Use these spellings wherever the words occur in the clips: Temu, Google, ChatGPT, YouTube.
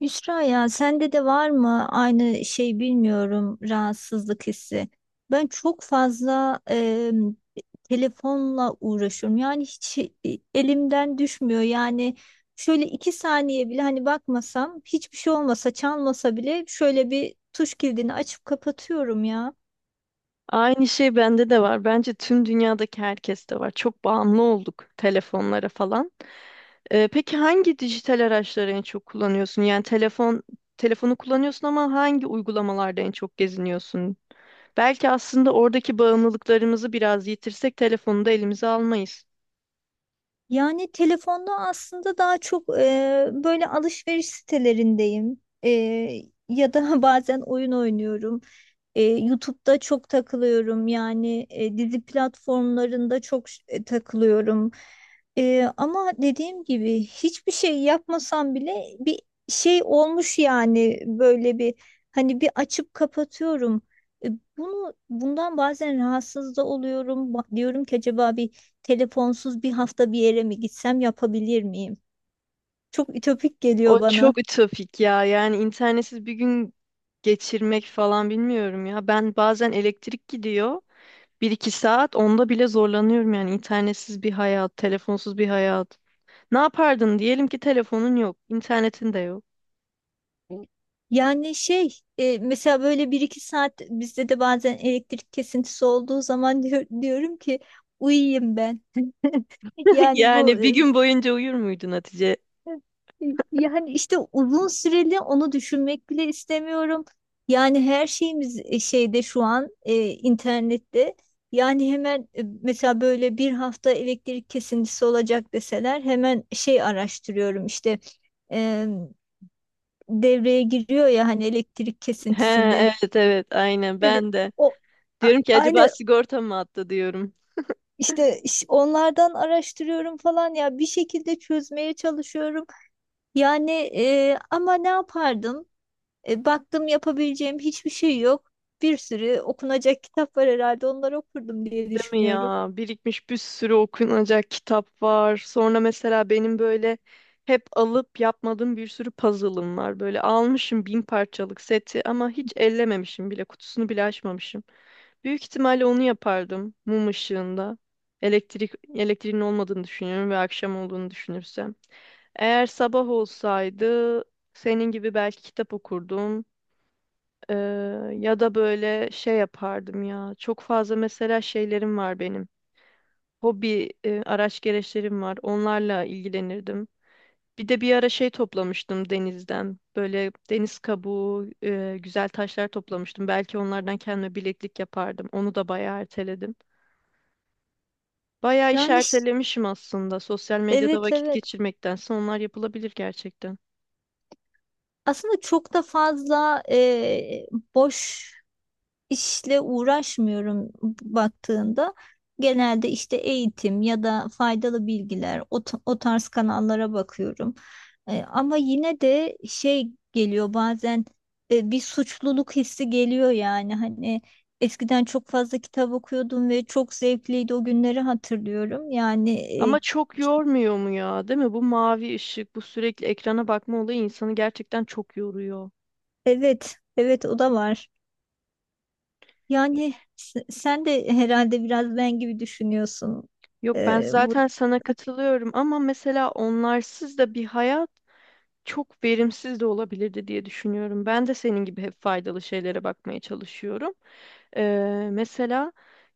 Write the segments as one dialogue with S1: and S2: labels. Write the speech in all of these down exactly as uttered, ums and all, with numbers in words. S1: Yusra ya sende de var mı aynı şey bilmiyorum rahatsızlık hissi. Ben çok fazla e, telefonla uğraşıyorum. Yani hiç e, elimden düşmüyor. Yani şöyle iki saniye bile hani bakmasam hiçbir şey olmasa çalmasa bile şöyle bir tuş kilidini açıp kapatıyorum ya.
S2: Aynı şey bende de var. Bence tüm dünyadaki herkeste var. Çok bağımlı olduk telefonlara falan. Ee, peki hangi dijital araçları en çok kullanıyorsun? Yani telefon telefonu kullanıyorsun ama hangi uygulamalarda en çok geziniyorsun? Belki aslında oradaki bağımlılıklarımızı biraz yitirsek telefonu da elimize almayız.
S1: Yani telefonda aslında daha çok e, böyle alışveriş sitelerindeyim. E, ya da bazen oyun oynuyorum. E, YouTube'da çok takılıyorum yani e, dizi platformlarında çok ş- e, takılıyorum. E, ama dediğim gibi hiçbir şey yapmasam bile bir şey olmuş yani böyle bir hani bir açıp kapatıyorum. E, Bunu bundan bazen rahatsız da oluyorum. Ba- Diyorum ki acaba bir telefonsuz bir hafta bir yere mi gitsem yapabilir miyim? Çok ütopik geliyor
S2: O
S1: bana.
S2: çok ütopik ya. Yani internetsiz bir gün geçirmek falan bilmiyorum ya. Ben bazen elektrik gidiyor. Bir iki saat onda bile zorlanıyorum yani internetsiz bir hayat, telefonsuz bir hayat. Ne yapardın? Diyelim ki telefonun yok, internetin de yok.
S1: Yani şey e, mesela böyle bir iki saat bizde de bazen elektrik kesintisi olduğu zaman diyor- diyorum ki uyuyayım ben. Yani bu
S2: Yani bir
S1: e,
S2: gün boyunca uyur muydun Hatice?
S1: yani işte uzun süreli onu düşünmek bile istemiyorum. Yani her şeyimiz e, şeyde şu an e, internette. Yani hemen e, mesela böyle bir hafta elektrik kesintisi olacak deseler hemen şey araştırıyorum işte e, devreye giriyor ya hani elektrik
S2: He,
S1: kesintisinde.
S2: evet evet aynen
S1: Dedi,
S2: ben de.
S1: o a-
S2: Diyorum ki acaba
S1: aynı
S2: sigorta mı attı diyorum.
S1: işte iş- onlardan araştırıyorum falan ya bir şekilde çözmeye çalışıyorum. Yani e, ama ne yapardım? E, baktım yapabileceğim hiçbir şey yok. Bir sürü okunacak kitap var herhalde onları okurdum diye
S2: Değil mi
S1: düşünüyorum.
S2: ya? Birikmiş bir sürü okunacak kitap var. Sonra mesela benim böyle hep alıp yapmadığım bir sürü puzzle'ım var. Böyle almışım bin parçalık seti ama hiç ellememişim bile. Kutusunu bile açmamışım. Büyük ihtimalle onu yapardım mum ışığında. Elektrik elektriğin olmadığını düşünüyorum ve akşam olduğunu düşünürsem. Eğer sabah olsaydı senin gibi belki kitap okurdum. Ee, Ya da böyle şey yapardım ya. Çok fazla mesela şeylerim var benim. Hobi e, araç gereçlerim var. Onlarla ilgilenirdim. Bir de bir ara şey toplamıştım denizden. Böyle deniz kabuğu, e, güzel taşlar toplamıştım. Belki onlardan kendime bileklik yapardım. Onu da bayağı erteledim. Bayağı iş
S1: Yani ş-
S2: ertelemişim aslında. Sosyal medyada
S1: evet
S2: vakit
S1: evet.
S2: geçirmektense onlar yapılabilir gerçekten.
S1: Aslında çok da fazla e, boş işle uğraşmıyorum baktığında genelde işte eğitim ya da faydalı bilgiler o, t- o tarz kanallara bakıyorum. E, ama yine de şey geliyor bazen e, bir suçluluk hissi geliyor yani hani eskiden çok fazla kitap okuyordum ve çok zevkliydi o günleri hatırlıyorum. Yani
S2: Ama
S1: e,
S2: çok yormuyor mu ya, değil mi? Bu mavi ışık, bu sürekli ekrana bakma olayı insanı gerçekten çok yoruyor.
S1: evet evet o da var. Yani s- sen de herhalde biraz ben gibi düşünüyorsun.
S2: Yok ben
S1: E, bu
S2: zaten sana katılıyorum ama mesela onlarsız da bir hayat çok verimsiz de olabilirdi diye düşünüyorum. Ben de senin gibi hep faydalı şeylere bakmaya çalışıyorum. Ee, mesela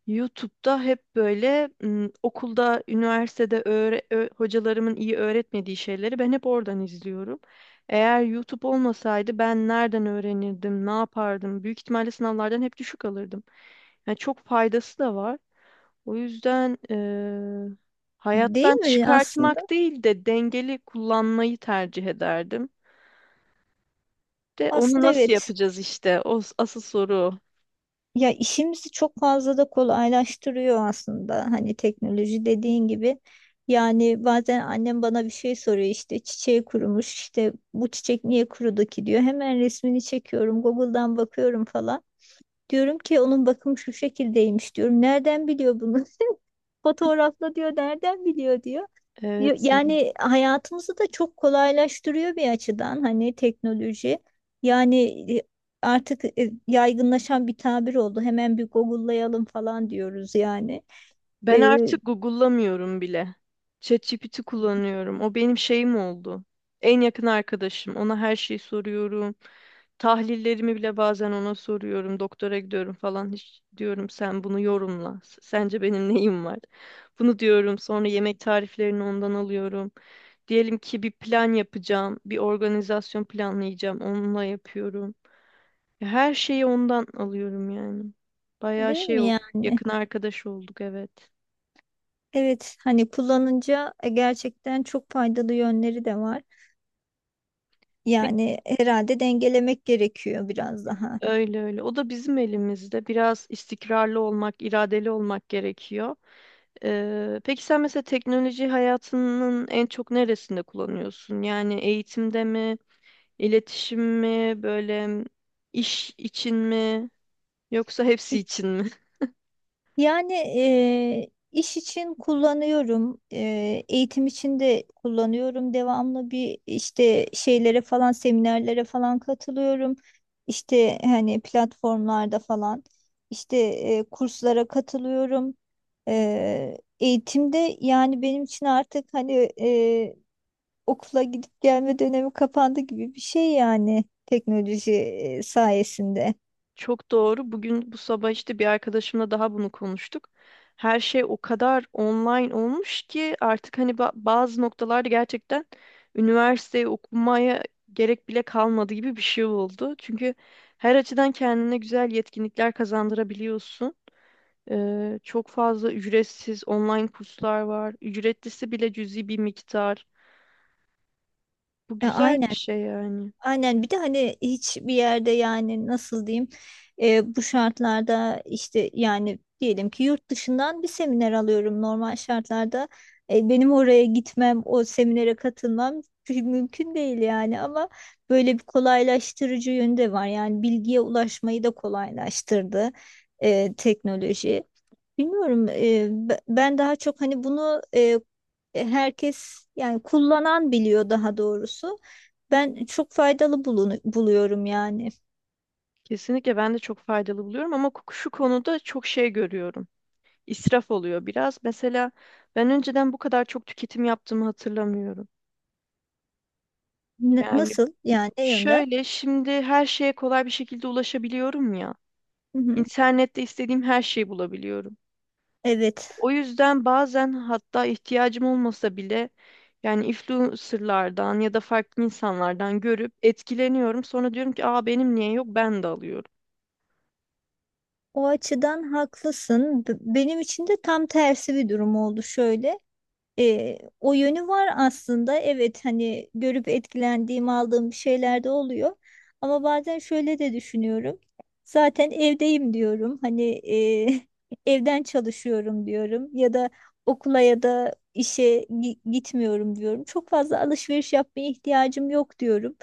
S2: YouTube'da hep böyle m, okulda, üniversitede öğre- ö- hocalarımın iyi öğretmediği şeyleri ben hep oradan izliyorum. Eğer YouTube olmasaydı ben nereden öğrenirdim, ne yapardım? Büyük ihtimalle sınavlardan hep düşük alırdım. Yani çok faydası da var. O yüzden eee,
S1: Değil
S2: hayattan
S1: mi aslında?
S2: çıkartmak değil de dengeli kullanmayı tercih ederdim. De onu
S1: Aslında
S2: nasıl
S1: evet.
S2: yapacağız işte? O s- asıl soru.
S1: Ya işimizi çok fazla da kolaylaştırıyor aslında. Hani teknoloji dediğin gibi. Yani bazen annem bana bir şey soruyor işte çiçeği kurumuş işte bu çiçek niye kurudu ki diyor. Hemen resmini çekiyorum Google'dan bakıyorum falan. Diyorum ki onun bakımı şu şekildeymiş diyorum. Nereden biliyor bunu? Fotoğrafla diyor nereden biliyor diyor. Yo-
S2: Evet yani.
S1: Yani hayatımızı da çok kolaylaştırıyor bir açıdan hani teknoloji. Yani e, artık e, yaygınlaşan bir tabir oldu. Hemen bir Google'layalım falan diyoruz yani.
S2: Ben
S1: E,
S2: artık Google'lamıyorum bile. ChatGPT kullanıyorum. O benim şeyim oldu. En yakın arkadaşım. Ona her şeyi soruyorum. Tahlillerimi bile bazen ona soruyorum. Doktora gidiyorum falan. Hiç diyorum sen bunu yorumla. S- Sence benim neyim var? Bunu diyorum. Sonra yemek tariflerini ondan alıyorum. Diyelim ki bir plan yapacağım. Bir organizasyon planlayacağım. Onunla yapıyorum. Ya, her şeyi ondan alıyorum yani. Bayağı
S1: Değil
S2: şey
S1: mi
S2: oldu.
S1: yani?
S2: Yakın arkadaş olduk, evet.
S1: Evet hani kullanınca e, gerçekten çok faydalı yönleri de var.
S2: Peki,
S1: Yani herhalde dengelemek gerekiyor biraz daha.
S2: öyle öyle. O da bizim elimizde. Biraz istikrarlı olmak, iradeli olmak gerekiyor. Ee, peki sen mesela teknoloji hayatının en çok neresinde kullanıyorsun? Yani eğitimde mi, iletişim mi, böyle iş için mi, yoksa hepsi için mi?
S1: Yani eee, iş için kullanıyorum, eee, eğitim için de kullanıyorum. Devamlı bir işte şeylere falan, seminerlere falan katılıyorum. İşte hani platformlarda falan, işte eee, kurslara katılıyorum. Eee, eğitimde yani benim için artık hani eee, okula gidip gelme dönemi kapandı gibi bir şey yani teknoloji eee, sayesinde.
S2: Çok doğru. Bugün bu sabah işte bir arkadaşımla daha bunu konuştuk. Her şey o kadar online olmuş ki artık hani ba- bazı noktalarda gerçekten üniversiteyi okumaya gerek bile kalmadı gibi bir şey oldu. Çünkü her açıdan kendine güzel yetkinlikler kazandırabiliyorsun. Ee, çok fazla ücretsiz online kurslar var. Ücretlisi bile cüzi bir miktar. Bu
S1: E,
S2: güzel
S1: aynen.
S2: bir şey yani.
S1: Aynen bir de hani hiçbir yerde yani nasıl diyeyim e, bu şartlarda işte yani diyelim ki yurt dışından bir seminer alıyorum normal şartlarda. E, benim oraya gitmem o seminere katılmam mü- mümkün değil yani ama böyle bir kolaylaştırıcı yönde var yani bilgiye ulaşmayı da kolaylaştırdı e, teknoloji. Bilmiyorum. E, be- ben daha çok hani bunu e, herkes yani kullanan biliyor daha doğrusu. Ben çok faydalı bulunu- buluyorum yani.
S2: Kesinlikle ben de çok faydalı buluyorum ama şu konuda çok şey görüyorum. İsraf oluyor biraz. Mesela ben önceden bu kadar çok tüketim yaptığımı hatırlamıyorum.
S1: N-
S2: Yani
S1: nasıl yani ne yönden?
S2: şöyle, şimdi her şeye kolay bir şekilde ulaşabiliyorum ya.
S1: Hı hı.
S2: İnternette istediğim her şeyi bulabiliyorum.
S1: Evet,
S2: O yüzden bazen hatta ihtiyacım olmasa bile yani influencerlardan ya da farklı insanlardan görüp etkileniyorum. Sonra diyorum ki aa benim niye yok ben de alıyorum.
S1: o açıdan haklısın. B- benim için de tam tersi bir durum oldu şöyle. E, o yönü var aslında. Evet hani görüp etkilendiğim, aldığım bir şeyler de oluyor. Ama bazen şöyle de düşünüyorum. Zaten evdeyim diyorum. Hani e, evden çalışıyorum diyorum. Ya da okula ya da işe gi- gitmiyorum diyorum. Çok fazla alışveriş yapmaya ihtiyacım yok diyorum.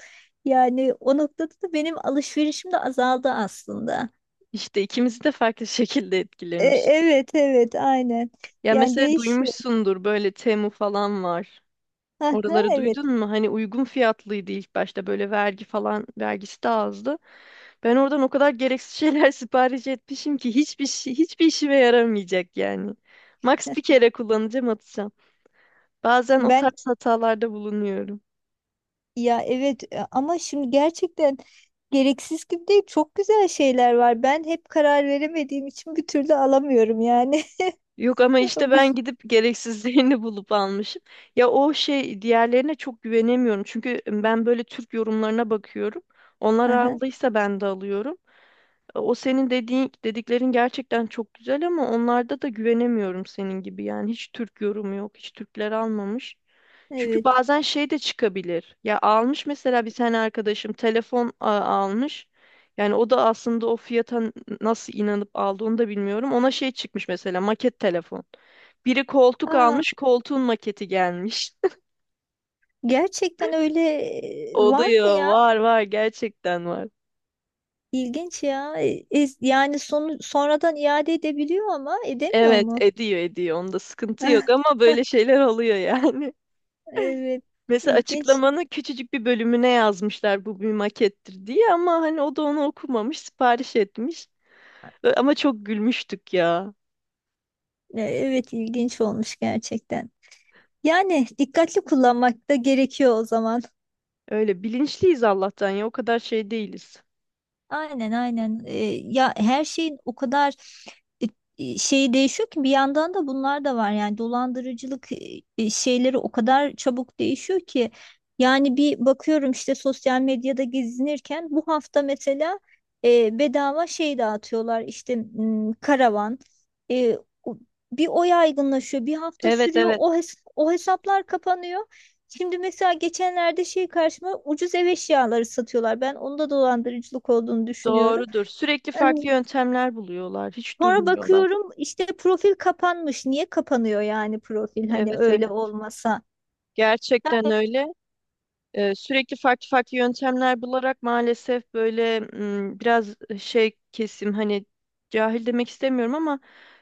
S1: Yani o noktada da benim alışverişim de azaldı aslında.
S2: İşte ikimizi de farklı şekilde
S1: E,
S2: etkilemiş.
S1: evet evet aynen.
S2: Ya
S1: Yani
S2: mesela
S1: değişiyor.
S2: duymuşsundur, böyle Temu falan var.
S1: Aha,
S2: Oraları duydun
S1: evet.
S2: mu? Hani uygun fiyatlıydı ilk başta, böyle vergi falan vergisi de azdı. Ben oradan o kadar gereksiz şeyler sipariş etmişim ki hiçbir şey, hiçbir işime yaramayacak yani. Max bir kere kullanacağım, atacağım. Bazen o
S1: Ben
S2: tarz hatalarda bulunuyorum.
S1: Ya evet e, ama şimdi gerçekten gereksiz gibi değil çok güzel şeyler var. Ben hep karar veremediğim için bir türlü alamıyorum yani.
S2: Yok ama işte
S1: Bu
S2: ben gidip gereksizlerini bulup almışım. Ya o şey, diğerlerine çok güvenemiyorum. Çünkü ben böyle Türk yorumlarına bakıyorum. Onlar
S1: Aha,
S2: aldıysa ben de alıyorum. O senin dediğin dediklerin gerçekten çok güzel ama onlarda da güvenemiyorum senin gibi. Yani hiç Türk yorumu yok. Hiç Türkler almamış. Çünkü
S1: evet.
S2: bazen şey de çıkabilir. Ya almış mesela, bir tane arkadaşım telefon a- almış. Yani o da aslında o fiyata n- nasıl inanıp aldı onu da bilmiyorum. Ona şey çıkmış mesela, maket telefon. Biri koltuk
S1: Aa,
S2: almış, koltuğun maketi gelmiş.
S1: gerçekten öyle e, var mı
S2: Oluyor,
S1: ya?
S2: var var gerçekten var.
S1: İlginç ya. E, e, yani sonu sonradan iade edebiliyor ama edemiyor
S2: Evet,
S1: mu?
S2: ediyor ediyor. Onda sıkıntı yok ama böyle şeyler oluyor yani.
S1: Evet.
S2: Mesela
S1: ilginç
S2: açıklamanın küçücük bir bölümüne yazmışlar bu bir makettir diye ama hani o da onu okumamış, sipariş etmiş. Ö- Ama çok gülmüştük ya.
S1: E, Evet ilginç olmuş gerçekten. Yani dikkatli kullanmak da gerekiyor o zaman.
S2: Öyle bilinçliyiz Allah'tan, ya o kadar şey değiliz.
S1: Aynen aynen. Ee, ya her şeyin o kadar e, e, şeyi değişiyor ki bir yandan da bunlar da var. Yani dolandırıcılık e, e, şeyleri o kadar çabuk değişiyor ki yani bir bakıyorum işte sosyal medyada gezinirken bu hafta mesela e, bedava şey dağıtıyorlar işte m, karavan. E, o- Bir o yaygınlaşıyor, bir hafta
S2: Evet
S1: sürüyor.
S2: evet,
S1: O hes- o hesaplar kapanıyor. Şimdi mesela geçenlerde şey karşıma ucuz ev eşyaları satıyorlar. Ben onda dolandırıcılık olduğunu düşünüyorum.
S2: doğrudur. Sürekli farklı yöntemler buluyorlar. Hiç
S1: Sonra
S2: durmuyorlar.
S1: bakıyorum işte profil kapanmış. Niye kapanıyor yani profil hani
S2: Evet evet.
S1: öyle olmasa?
S2: Gerçekten öyle. Ee, sürekli farklı farklı yöntemler bularak maalesef böyle m, biraz şey kesim, hani cahil demek istemiyorum ama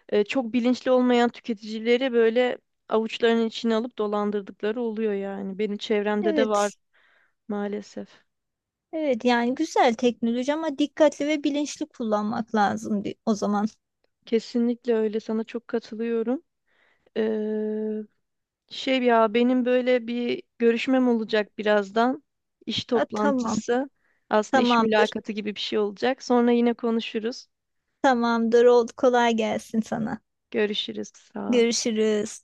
S2: e, çok bilinçli olmayan tüketicileri böyle avuçlarının içine alıp dolandırdıkları oluyor yani. Benim çevremde de var
S1: Evet.
S2: maalesef.
S1: Evet yani güzel teknoloji ama dikkatli ve bilinçli kullanmak lazım di- o zaman.
S2: Kesinlikle öyle. Sana çok katılıyorum. Ee, Şey ya, benim böyle bir görüşmem olacak birazdan. İş
S1: Ha, tamam.
S2: toplantısı. Aslında iş
S1: Tamamdır.
S2: mülakatı gibi bir şey olacak. Sonra yine konuşuruz.
S1: Tamamdır. Oldu. Kolay gelsin sana.
S2: Görüşürüz. Sağ ol.
S1: Görüşürüz.